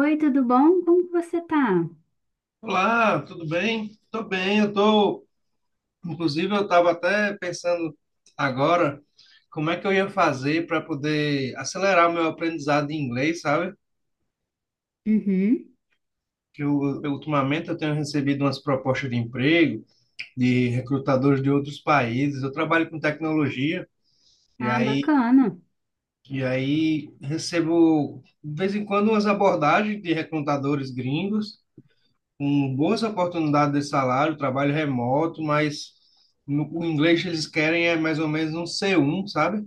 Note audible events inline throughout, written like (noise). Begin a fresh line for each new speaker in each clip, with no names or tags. Oi, tudo bom? Como que você tá?
Olá, tudo bem? Tô bem, inclusive eu estava até pensando agora como é que eu ia fazer para poder acelerar o meu aprendizado em inglês, sabe?
Uhum.
Que ultimamente eu tenho recebido umas propostas de emprego de recrutadores de outros países. Eu trabalho com tecnologia e
Ah,
aí
bacana.
e aí recebo de vez em quando umas abordagens de recrutadores gringos com boas oportunidades de salário, trabalho remoto, mas no, o inglês que eles querem é mais ou menos um C1, sabe?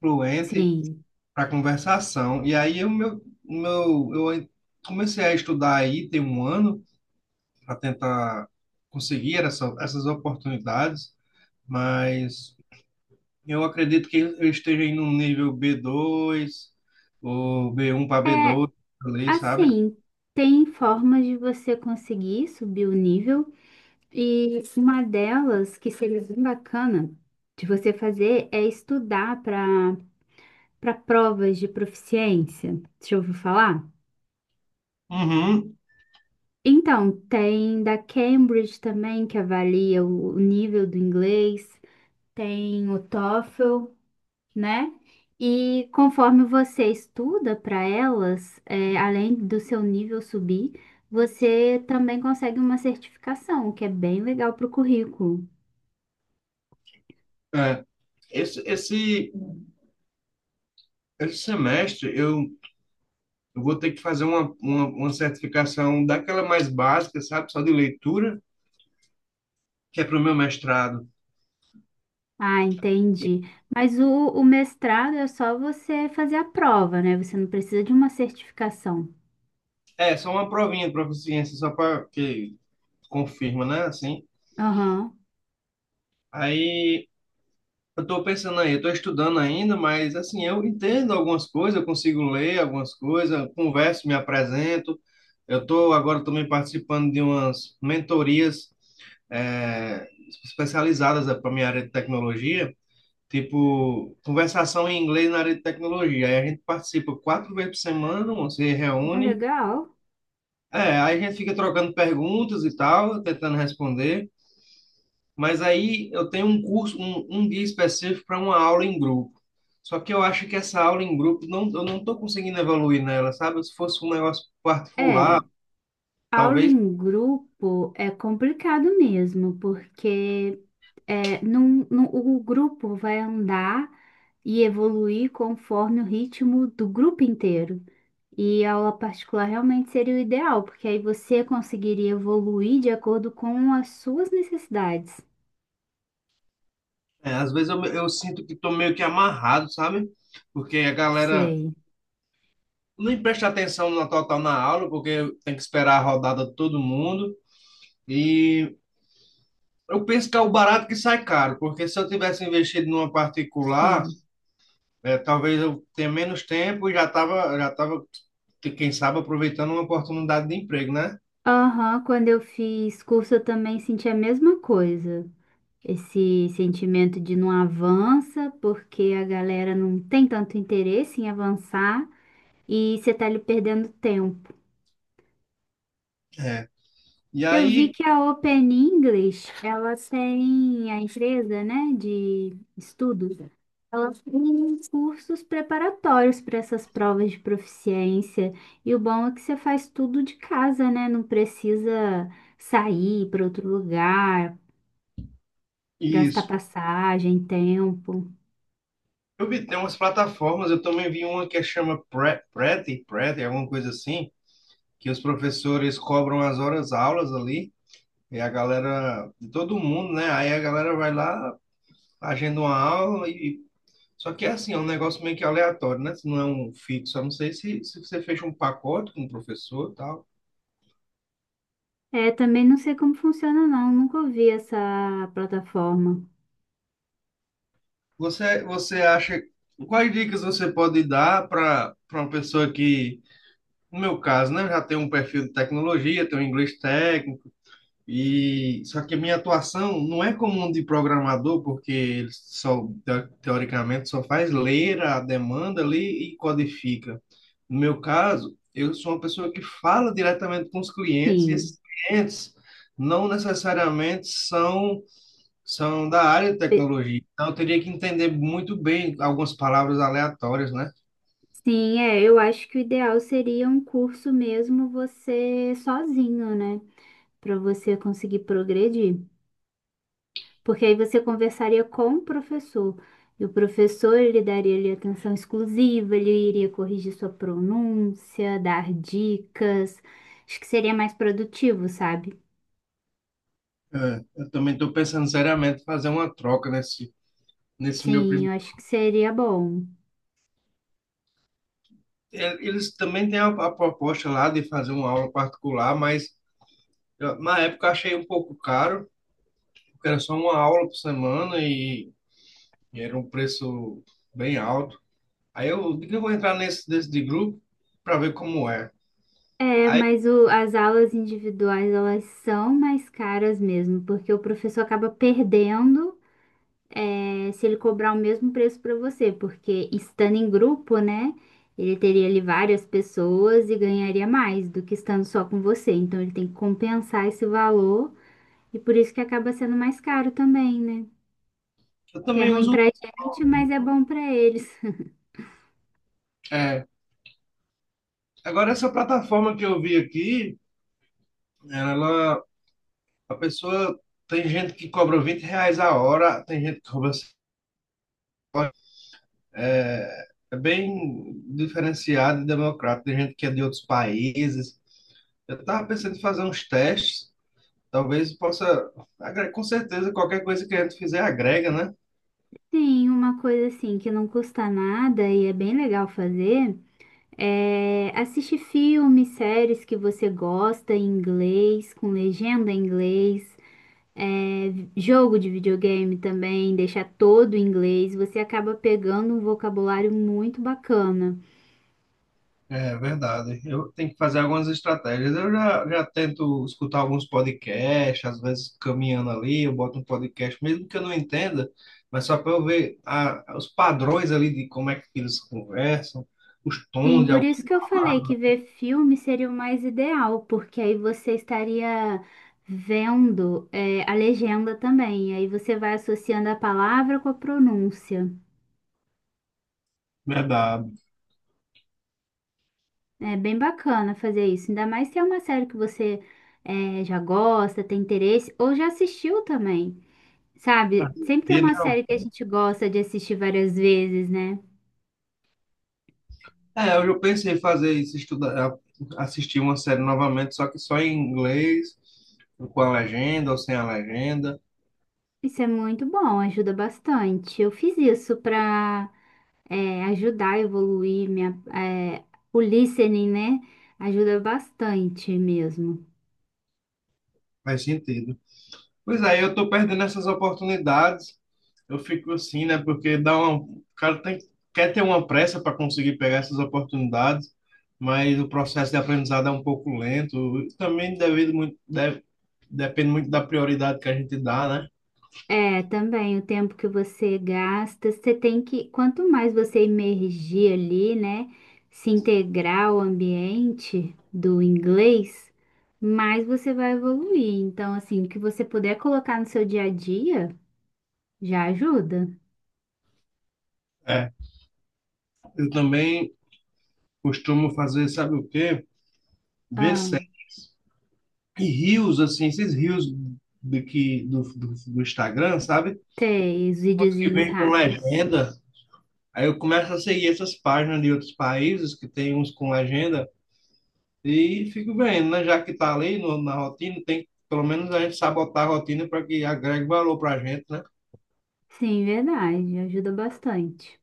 Fluente
Sim.
para conversação. E aí o meu, eu comecei a estudar aí tem um ano para tentar conseguir essas oportunidades, mas eu acredito que eu esteja em um nível b dois ou b um para b
É,
dois, ali, sabe?
assim, tem formas de você conseguir subir o nível e uma delas que seria bem bacana de você fazer é estudar para provas de proficiência. Deixa eu ouvir falar?
Uhum.
Então, tem da Cambridge também que avalia o nível do inglês, tem o TOEFL, né? E conforme você estuda para elas, além do seu nível subir, você também consegue uma certificação, o que é bem legal para o currículo.
É. Esse, esse, esse semestre eu vou ter que fazer uma certificação daquela mais básica, sabe? Só de leitura, que é para o meu mestrado.
Ah,
E-
entendi. Mas o mestrado é só você fazer a prova, né? Você não precisa de uma certificação.
É, só uma provinha de proficiência, só para que confirma, né? Assim,
Aham,
aí eu estou pensando, aí eu estou estudando ainda, mas assim, eu entendo algumas coisas, eu consigo ler algumas coisas, eu converso, me apresento. Eu estou agora também participando de umas mentorias eh, especializadas para minha área de tecnologia. Tipo, conversação em inglês na área de tecnologia. Aí a gente participa quatro vezes por semana, você
ah,
reúne.
legal.
É, aí a gente fica trocando perguntas e tal, tentando responder. Mas aí eu tenho um curso, um dia específico para uma aula em grupo. Só que eu acho que essa aula em grupo, não, eu não estou conseguindo evoluir nela, sabe? Se fosse um negócio particular,
É, aula
talvez.
em grupo é complicado mesmo, porque é, o grupo vai andar e evoluir conforme o ritmo do grupo inteiro. E a aula particular realmente seria o ideal, porque aí você conseguiria evoluir de acordo com as suas necessidades.
É, às vezes eu sinto que estou meio que amarrado, sabe? Porque a galera
Sei,
nem presta atenção na total na aula, porque tem que esperar a rodada de todo mundo. E eu penso que é o barato que sai caro, porque se eu tivesse investido numa particular,
sim.
talvez eu tenha menos tempo e já tava, quem sabe, aproveitando uma oportunidade de emprego, né?
Aham, quando eu fiz curso eu também senti a mesma coisa. Esse sentimento de não avança, porque a galera não tem tanto interesse em avançar e você tá ali perdendo tempo.
É. E
Eu vi
aí,
que a Open English, ela tem a empresa, né, de estudos. Ela tem cursos preparatórios para essas provas de proficiência. E o bom é que você faz tudo de casa, né? Não precisa sair para outro lugar, gastar
isso.
passagem, tempo.
Eu vi, tem umas plataformas, eu também vi uma que chama Preti, alguma coisa assim, que os professores cobram as horas aulas ali, e a galera, de todo mundo, né? Aí a galera vai lá, agenda uma aula. E. Só que é assim, é um negócio meio que aleatório, né? Se não é um fixo. Eu não sei se você fecha um pacote com o professor e tal.
É, também não sei como funciona, não. Nunca ouvi essa plataforma.
Você acha. Quais dicas você pode dar para uma pessoa que, no meu caso, né, já tem um perfil de tecnologia, tem um inglês técnico, e só que a minha atuação não é como um de programador, porque ele só teoricamente só faz ler a demanda ali e codifica. No meu caso, eu sou uma pessoa que fala diretamente com os clientes e
Sim.
esses clientes não necessariamente são da área de tecnologia. Então eu teria que entender muito bem algumas palavras aleatórias, né?
Sim, é, eu acho que o ideal seria um curso mesmo você sozinho, né? Para você conseguir progredir. Porque aí você conversaria com o professor. E o professor, ele daria ali atenção exclusiva, ele iria corrigir sua pronúncia, dar dicas. Acho que seria mais produtivo, sabe?
É, eu também estou pensando seriamente em fazer uma troca nesse meu
Sim,
primeiro
eu acho que seria bom.
eles também têm a proposta lá de fazer uma aula particular, mas na época eu achei um pouco caro, porque era só uma aula por semana e era um preço bem alto. Aí eu digo que eu vou entrar nesse desse de grupo para ver como é.
É,
Aí
mas as aulas individuais, elas são mais caras mesmo, porque o professor acaba perdendo, é, se ele cobrar o mesmo preço para você, porque estando em grupo, né, ele teria ali várias pessoas e ganharia mais do que estando só com você. Então ele tem que compensar esse valor e por isso que acaba sendo mais caro também, né?
eu
Que é
também
ruim
uso,
pra gente, mas é bom pra eles. (laughs)
é, agora essa plataforma que eu vi aqui, ela, a pessoa, tem gente que cobra R$ 20 a hora, tem gente que cobra. É, é bem diferenciado e democrático. Tem gente que é de outros países. Eu estava pensando em fazer uns testes. Talvez possa. Com certeza, qualquer coisa que a gente fizer agrega, né?
Sim, uma coisa assim que não custa nada e é bem legal fazer é assistir filmes, séries que você gosta em inglês, com legenda em inglês. É, jogo de videogame também, deixar todo em inglês, você acaba pegando um vocabulário muito bacana.
É verdade. Eu tenho que fazer algumas estratégias. Já tento escutar alguns podcasts, às vezes caminhando ali, eu boto um podcast, mesmo que eu não entenda, mas só para eu ver os padrões ali de como é que eles conversam, os
Sim,
tons de
por
alguns.
isso que eu falei que ver filme seria o mais ideal, porque aí você estaria vendo, é, a legenda também, aí você vai associando a palavra com a pronúncia.
É verdade.
É bem bacana fazer isso, ainda mais se é uma série que você, já gosta, tem interesse, ou já assistiu também. Sabe, sempre tem
E, né,
uma série que a gente gosta de assistir várias vezes, né?
é, eu já pensei em fazer isso, estudar, é, assistir uma série novamente, só que só em inglês, com a legenda ou sem a legenda,
Isso é muito bom, ajuda bastante. Eu fiz isso para ajudar a evoluir minha, é, o listening, né? Ajuda bastante mesmo.
faz sentido. Pois aí eu tô perdendo essas oportunidades, eu fico assim, né? Porque dá uma, o cara tem, quer ter uma pressa para conseguir pegar essas oportunidades, mas o processo de aprendizado é um pouco lento, e também devido muito, depende muito da prioridade que a gente dá, né?
É, também o tempo que você gasta, você tem que, quanto mais você emergir ali, né? Se integrar ao ambiente do inglês, mais você vai evoluir. Então, assim, o que você puder colocar no seu dia a dia já ajuda.
É, eu também costumo fazer, sabe o quê? Ver
Ah,
e rios, assim, esses rios do Instagram, sabe?
ter os
Uns que
videozinhos
vem com
rápidos.
legenda. Aí eu começo a seguir essas páginas de outros países que tem uns com legenda e fico vendo, né? Já que tá ali no, na rotina, tem pelo menos a gente sabotar a rotina para que agregue valor para a gente, né?
Sim, verdade, ajuda bastante.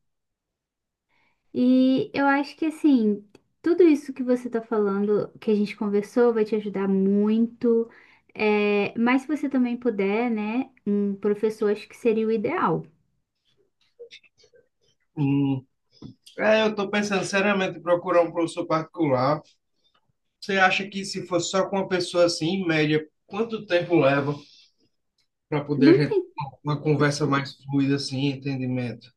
E eu acho que assim, tudo isso que você tá falando, que a gente conversou, vai te ajudar muito. É, mas se você também puder, né, um professor, acho que seria o ideal.
Hum. É, eu estou pensando seriamente em procurar um professor particular. Você acha que se fosse só com uma pessoa assim, em média, quanto tempo leva para poder a
Não
gente
tem
ter uma conversa mais fluida assim, entendimento?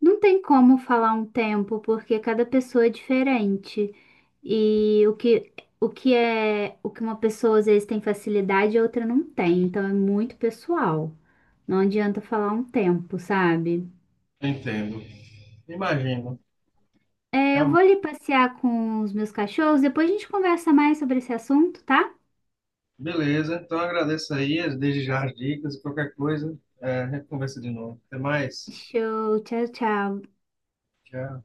Não tem como falar um tempo, porque cada pessoa é diferente. E o que é, o que uma pessoa às vezes tem facilidade e outra não tem. Então é muito pessoal. Não adianta falar um tempo, sabe?
Entendo. Imagino.
É, eu vou
Então,
ali passear com os meus cachorros, depois a gente conversa mais sobre esse assunto, tá?
beleza. Então agradeço aí desde já as dicas e qualquer coisa, é, a gente conversa de novo. Até mais.
Show, tchau, tchau.
Tchau.